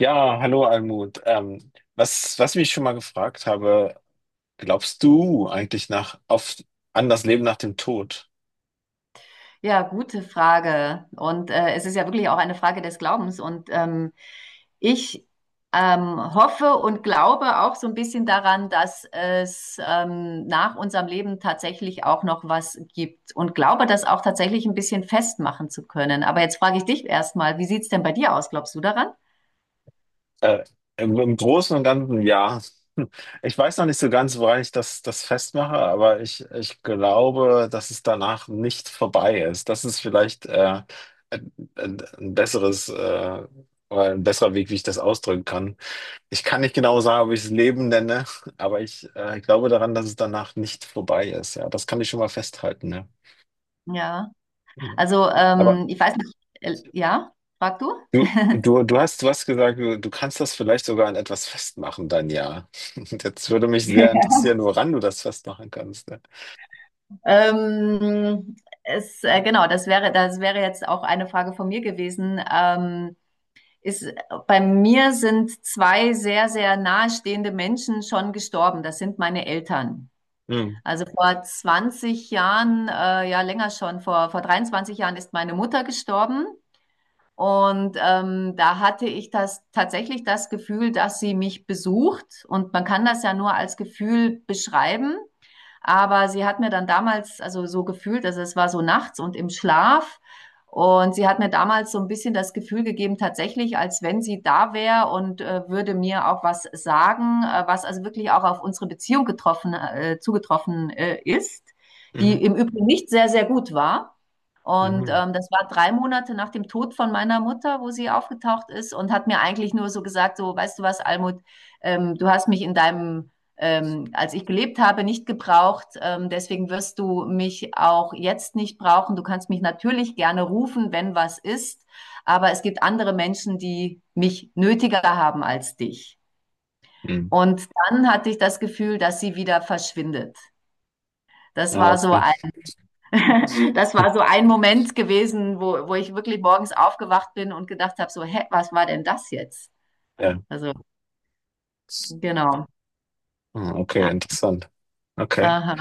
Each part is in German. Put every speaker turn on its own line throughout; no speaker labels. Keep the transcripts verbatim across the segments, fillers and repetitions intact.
Ja, hallo Almut. Ähm, was, was ich mich schon mal gefragt habe, glaubst du eigentlich nach, auf, an das Leben nach dem Tod?
Ja, gute Frage. Und äh, es ist ja wirklich auch eine Frage des Glaubens. Und ähm, ich ähm, hoffe und glaube auch so ein bisschen daran, dass es ähm, nach unserem Leben tatsächlich auch noch was gibt und glaube das auch tatsächlich ein bisschen festmachen zu können. Aber jetzt frage ich dich erstmal, wie sieht's denn bei dir aus? Glaubst du daran?
Äh, im, im, Großen und Ganzen ja. Hm. Ich weiß noch nicht so ganz, woran ich das, das festmache, aber ich, ich glaube, dass es danach nicht vorbei ist. Das ist vielleicht äh, ein, ein ein besseres, äh, oder ein besserer Weg, wie ich das ausdrücken kann. Ich kann nicht genau sagen, ob ich es Leben nenne, aber ich äh, glaube daran, dass es danach nicht vorbei ist. Ja, das kann ich schon mal festhalten. Ne?
Ja.
Mhm.
Also
Aber
ähm, ich weiß nicht, äh, ja, frag du?
du, du, du hast, du hast gesagt, du, du kannst das vielleicht sogar an etwas festmachen, dein Jahr. Und jetzt würde mich sehr interessieren, woran du das festmachen kannst. Ne?
Ähm, es, äh, genau, das wäre, das wäre jetzt auch eine Frage von mir gewesen. Ähm, ist, Bei mir sind zwei sehr, sehr nahestehende Menschen schon gestorben. Das sind meine Eltern.
Mhm.
Also vor zwanzig Jahren, äh, ja länger schon, vor, vor dreiundzwanzig Jahren ist meine Mutter gestorben. Und ähm, da hatte ich das tatsächlich das Gefühl, dass sie mich besucht. Und man kann das ja nur als Gefühl beschreiben. Aber sie hat mir dann damals, also so gefühlt, also es war so nachts und im Schlaf. Und sie hat mir damals so ein bisschen das Gefühl gegeben, tatsächlich, als wenn sie da wäre und äh, würde mir auch was sagen, äh, was also wirklich auch auf unsere Beziehung getroffen, äh, zugetroffen äh, ist, die
Mhm.
im Übrigen nicht sehr, sehr gut war. Und
Mhm.
ähm, das war drei Monate nach dem Tod von meiner Mutter, wo sie aufgetaucht ist und hat mir eigentlich nur so gesagt, so, weißt du was, Almut, ähm, du hast mich in deinem, ähm, als ich gelebt habe, nicht gebraucht. Ähm, deswegen wirst du mich auch jetzt nicht brauchen. Du kannst mich natürlich gerne rufen, wenn was ist. Aber es gibt andere Menschen, die mich nötiger haben als dich.
Mhm.
Und dann hatte ich das Gefühl, dass sie wieder verschwindet. Das
Ja,
war so
okay.
ein Das war so ein Moment gewesen, wo, wo ich wirklich morgens aufgewacht bin und gedacht habe, so, hä, was war denn das jetzt?
Ja.
Also, genau.
Ah, okay,
Ja.
interessant. Okay.
Aha.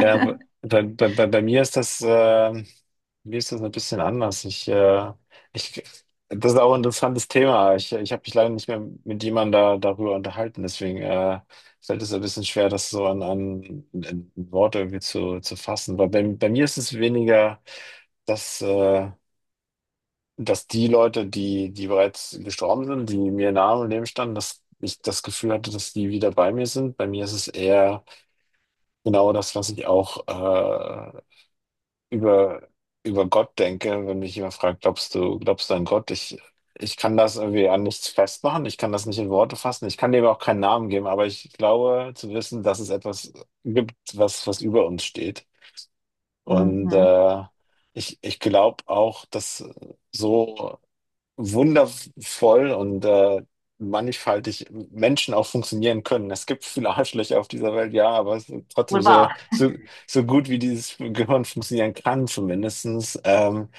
Ja, aber bei, bei, bei, bei mir ist das, äh, mir ist das ein bisschen anders. Ich, äh, ich, Das ist auch ein interessantes Thema. Ich, ich habe mich leider nicht mehr mit jemandem da, darüber unterhalten. Deswegen äh, fällt es ein bisschen schwer, das so an, an, an Worte irgendwie zu, zu fassen. Aber bei, bei mir ist es weniger, dass, äh, dass die Leute, die, die bereits gestorben sind, die mir nahe im Leben standen, dass ich das Gefühl hatte, dass die wieder bei mir sind. Bei mir ist es eher genau das, was ich auch äh, über, über Gott denke, wenn mich jemand fragt, glaubst du, glaubst du an Gott? Ich, ich kann das irgendwie an nichts festmachen, ich kann das nicht in Worte fassen, ich kann dem auch keinen Namen geben, aber ich glaube zu wissen, dass es etwas gibt, was, was über uns steht. Und
Mhm.
äh, ich, ich glaube auch, dass so wundervoll und äh, mannigfaltig Menschen auch funktionieren können. Es gibt viele Arschlöcher auf dieser Welt, ja, aber es ist trotzdem
Wohl
so,
wahr.
so, so gut wie dieses Gehirn funktionieren kann, zumindestens, ähm,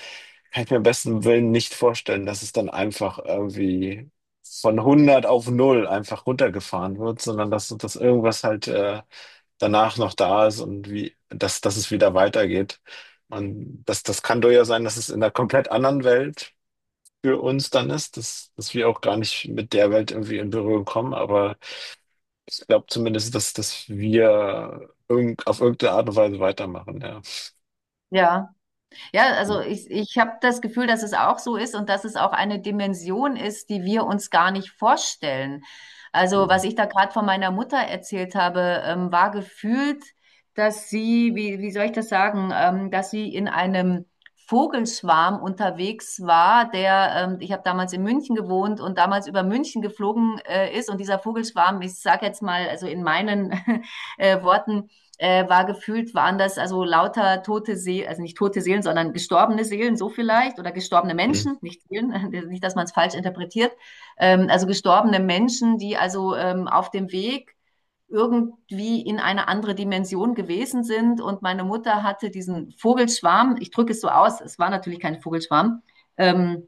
kann ich mir besten Willen nicht vorstellen, dass es dann einfach irgendwie von hundert auf null einfach runtergefahren wird, sondern dass, dass irgendwas halt äh, danach noch da ist und wie, dass, dass es wieder weitergeht. Und das, das kann durchaus sein, dass es in einer komplett anderen Welt für uns dann ist, dass, dass wir auch gar nicht mit der Welt irgendwie in Berührung kommen, aber ich glaube zumindest, dass, dass wir irgend, auf irgendeine Art und Weise weitermachen, ja.
Ja. Ja, also ich, ich habe das Gefühl, dass es auch so ist und dass es auch eine Dimension ist, die wir uns gar nicht vorstellen. Also
Mhm.
was ich da gerade von meiner Mutter erzählt habe, ähm, war gefühlt, dass sie, wie, wie soll ich das sagen, ähm, dass sie in einem Vogelschwarm unterwegs war, der, ähm, ich habe damals in München gewohnt und damals über München geflogen äh, ist und dieser Vogelschwarm, ich sage jetzt mal, also in meinen äh, Worten, äh, war gefühlt, waren das also lauter tote Seelen, also nicht tote Seelen, sondern gestorbene Seelen, so vielleicht, oder gestorbene
Mhm.
Menschen, nicht Seelen, nicht, dass man es falsch interpretiert, ähm, also gestorbene Menschen, die also ähm, auf dem Weg irgendwie in eine andere Dimension gewesen sind. Und meine Mutter hatte diesen Vogelschwarm, ich drücke es so aus, es war natürlich kein Vogelschwarm, ähm,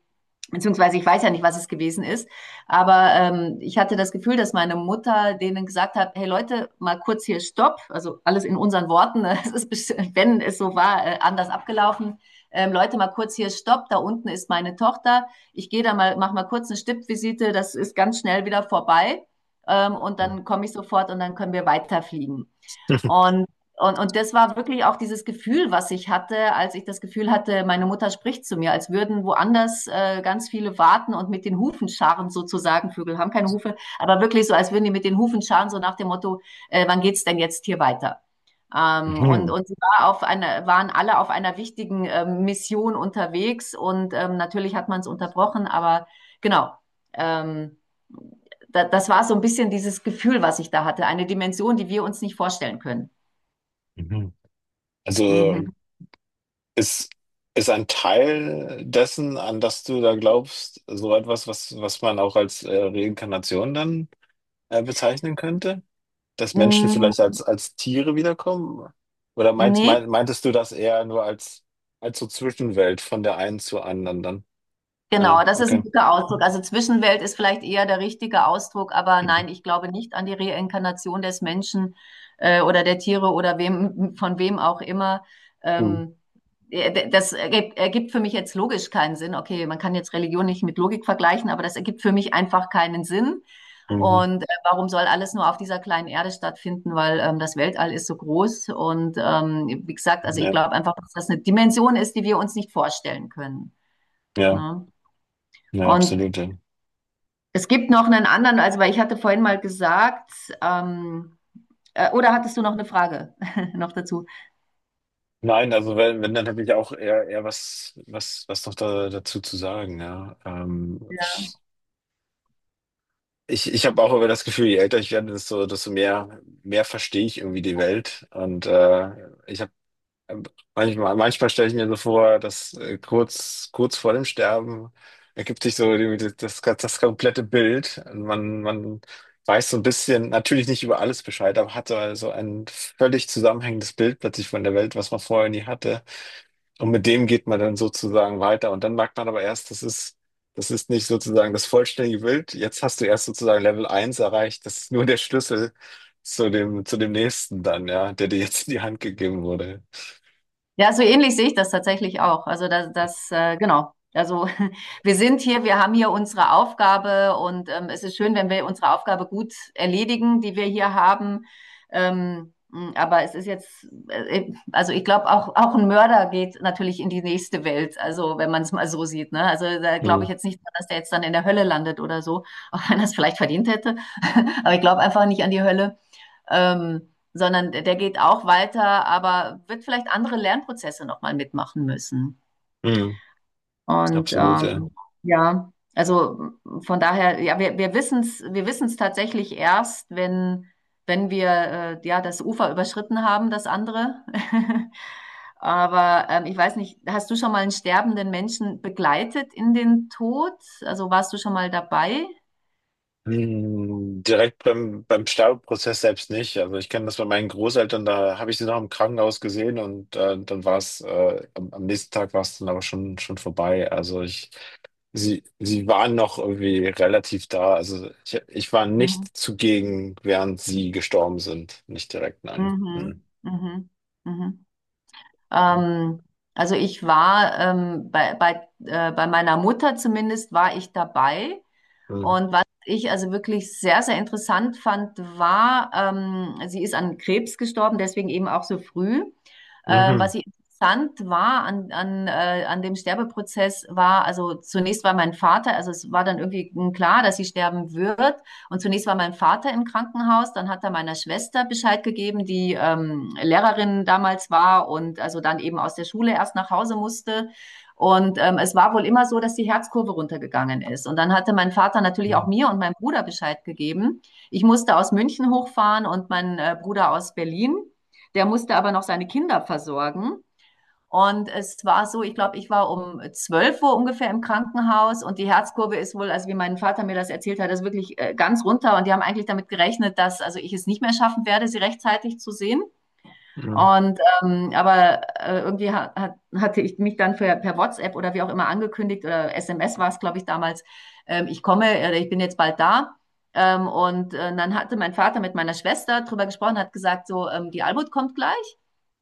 beziehungsweise ich weiß ja nicht, was es gewesen ist, aber ähm, ich hatte das Gefühl, dass meine Mutter denen gesagt hat, hey Leute, mal kurz hier Stopp. Also alles in unseren Worten, ne? es ist, wenn es so war, äh, anders abgelaufen. Ähm, Leute, mal kurz hier Stopp, da unten ist meine Tochter. Ich gehe da mal, mach mal kurz eine Stippvisite, das ist ganz schnell wieder vorbei. Ähm, und dann komme ich sofort und dann können wir weiterfliegen. Und, und, und das war wirklich auch dieses Gefühl, was ich hatte, als ich das Gefühl hatte, meine Mutter spricht zu mir, als würden woanders äh, ganz viele warten und mit den Hufen scharen sozusagen. Vögel haben keine Hufe, aber wirklich so, als würden die mit den Hufen scharen, so nach dem Motto, äh, wann geht's denn jetzt hier weiter? Ähm, und
Mhm.
und sie war auf einer, waren alle auf einer wichtigen ähm, Mission unterwegs und ähm, natürlich hat man es unterbrochen, aber genau. Ähm, da, Das war so ein bisschen dieses Gefühl, was ich da hatte. Eine Dimension, die wir uns nicht vorstellen können.
Mhm. Also
Mhm.
ist, ist ein Teil dessen, an das du da glaubst, so etwas, was, was man auch als äh, Reinkarnation dann äh, bezeichnen könnte? Dass Menschen vielleicht
Mm.
als, als Tiere wiederkommen? Oder meinst,
Nee.
mein, meintest du das eher nur als, als so Zwischenwelt von der einen zur anderen dann?
Genau,
Ja,
das ist ein
okay.
guter Ausdruck. Also Zwischenwelt ist vielleicht eher der richtige Ausdruck, aber
Mhm.
nein, ich glaube nicht an die Reinkarnation des Menschen äh, oder der Tiere oder wem, von wem auch immer.
Mhm.
Ähm, äh, das ergibt, ergibt für mich jetzt logisch keinen Sinn. Okay, man kann jetzt Religion nicht mit Logik vergleichen, aber das ergibt für mich einfach keinen Sinn.
Mhm.
Und äh, warum soll alles nur auf dieser kleinen Erde stattfinden? Weil ähm, das Weltall ist so groß und ähm, wie gesagt,
Mhm.
also ich
Ja,
glaube einfach, dass das eine Dimension ist, die wir uns nicht vorstellen können.
ja,
Ne?
ja,
Und
absolut, ja.
es gibt noch einen anderen, also weil ich hatte vorhin mal gesagt, ähm, äh, oder hattest du noch eine Frage noch dazu?
Nein, also wenn, wenn dann habe ich auch eher, eher was, was, was noch da, dazu zu sagen, ja. Ähm,
Ja.
ich, ich, ich habe auch immer das Gefühl, je älter ich werde, desto, desto mehr, mehr verstehe ich irgendwie die Welt. Und äh, ich habe Manchmal, manchmal stelle ich mir so vor, dass äh, kurz, kurz vor dem Sterben ergibt sich so die, die- das, das komplette Bild. Also Man, man weiß so ein bisschen, natürlich nicht über alles Bescheid, aber hat so also ein völlig zusammenhängendes Bild plötzlich von der Welt, was man vorher nie hatte. Und mit dem geht man dann sozusagen weiter. Und dann merkt man aber erst, das ist, das ist nicht sozusagen das vollständige Bild. Jetzt hast du erst sozusagen Level eins erreicht. Das ist nur der Schlüssel zu dem, zu dem nächsten dann, ja, der dir jetzt in die Hand gegeben wurde.
Ja, so ähnlich sehe ich das tatsächlich auch. Also das, das äh, genau. Also wir sind hier, wir haben hier unsere Aufgabe und ähm, es ist schön, wenn wir unsere Aufgabe gut erledigen, die wir hier haben. Ähm, mh, aber es ist jetzt, äh, äh, also ich glaube, auch, auch ein Mörder geht natürlich in die nächste Welt, also wenn man es mal so sieht. Ne? Also da glaube
Hm.
ich jetzt nicht, dran, dass der jetzt dann in der Hölle landet oder so, auch wenn er es vielleicht verdient hätte. Aber ich glaube einfach nicht an die Hölle, ähm, sondern der, der geht auch weiter, aber wird vielleicht andere Lernprozesse nochmal mitmachen müssen.
Mhm,
Und
absolut, ja.
ähm, ja, also von daher, ja, wir, wir wissen es, wir wissen es tatsächlich erst, wenn, wenn wir äh, ja das Ufer überschritten haben, das andere. Aber ähm, ich weiß nicht, hast du schon mal einen sterbenden Menschen begleitet in den Tod? Also warst du schon mal dabei?
Mhm, direkt beim, beim Sterbeprozess selbst nicht. Also ich kenne das bei meinen Großeltern, da habe ich sie noch im Krankenhaus gesehen und äh, dann war es, äh, am, am nächsten Tag war es dann aber schon, schon vorbei. Also ich, sie, sie waren noch irgendwie relativ da. Also ich, ich war
Mhm.
nicht zugegen, während sie gestorben sind. Nicht direkt, nein. Mhm.
Mhm. Mhm. Mhm. Ähm, also ich war ähm, bei, bei, äh, bei meiner Mutter zumindest war ich dabei.
Mhm.
Und was ich also wirklich sehr, sehr interessant fand, war, ähm, sie ist an Krebs gestorben, deswegen eben auch so früh. Ähm,
Mhm.
was ich interessant war an, an, äh, an dem Sterbeprozess war, also zunächst war mein Vater, also es war dann irgendwie klar, dass sie sterben wird. Und zunächst war mein Vater im Krankenhaus, dann hat er meiner Schwester Bescheid gegeben, die ähm, Lehrerin damals war und also dann eben aus der Schule erst nach Hause musste. Und ähm, es war wohl immer so, dass die Herzkurve runtergegangen ist. Und dann hatte mein Vater natürlich auch
Mhm.
mir und meinem Bruder Bescheid gegeben. Ich musste aus München hochfahren und mein äh, Bruder aus Berlin. Der musste aber noch seine Kinder versorgen. Und es war so, ich glaube, ich war um zwölf Uhr ungefähr im Krankenhaus und die Herzkurve ist wohl, also wie mein Vater mir das erzählt hat, ist wirklich äh, ganz runter. Und die haben eigentlich damit gerechnet, dass also ich es nicht mehr schaffen werde, sie rechtzeitig zu sehen.
Mhm.
Und ähm, aber äh, irgendwie ha hat, hatte ich mich dann für, per WhatsApp oder wie auch immer angekündigt oder S M S war es, glaube ich, damals, ähm, ich komme oder ich bin jetzt bald da. Ähm, und äh, dann hatte mein Vater mit meiner Schwester drüber gesprochen, hat gesagt, so, ähm, die Albut kommt gleich.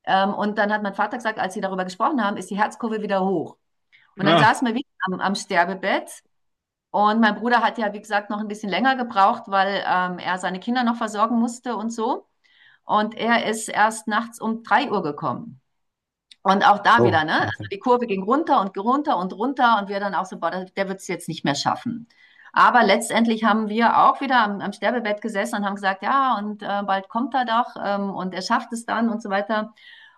Ähm, und dann hat mein Vater gesagt, als sie darüber gesprochen haben, ist die Herzkurve wieder hoch. Und dann
Ah,
saßen wir wieder am, am Sterbebett. Und mein Bruder hat ja, wie gesagt, noch ein bisschen länger gebraucht, weil ähm, er seine Kinder noch versorgen musste und so. Und er ist erst nachts um drei Uhr gekommen. Und auch da
oh,
wieder, ne? Also
okay.
die Kurve ging runter und runter und runter und wir dann auch so, boah, der, der wird es jetzt nicht mehr schaffen. Aber letztendlich haben wir auch wieder am, am Sterbebett gesessen und haben gesagt, ja, und äh, bald kommt er doch ähm, und er schafft es dann und so weiter.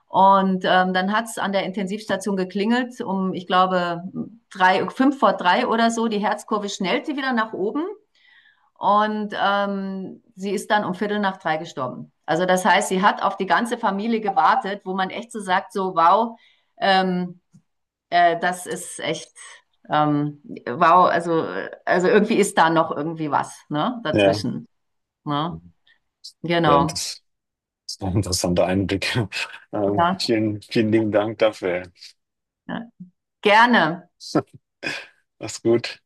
Und ähm, dann hat es an der Intensivstation geklingelt, um, ich glaube, drei, fünf vor drei oder so. Die Herzkurve schnellte wieder nach oben. Und ähm, sie ist dann um Viertel nach drei gestorben. Also das heißt, sie hat auf die ganze Familie gewartet, wo man echt so sagt, so wow, ähm, äh, das ist echt ähm, wow, also, äh, also irgendwie ist da noch irgendwie was, ne,
Ja,
dazwischen. Ne?
während
Genau.
des Das war ein interessanter Einblick. Ähm,
Ja.
vielen, vielen lieben Dank dafür.
Ja. Gerne.
Mach's gut.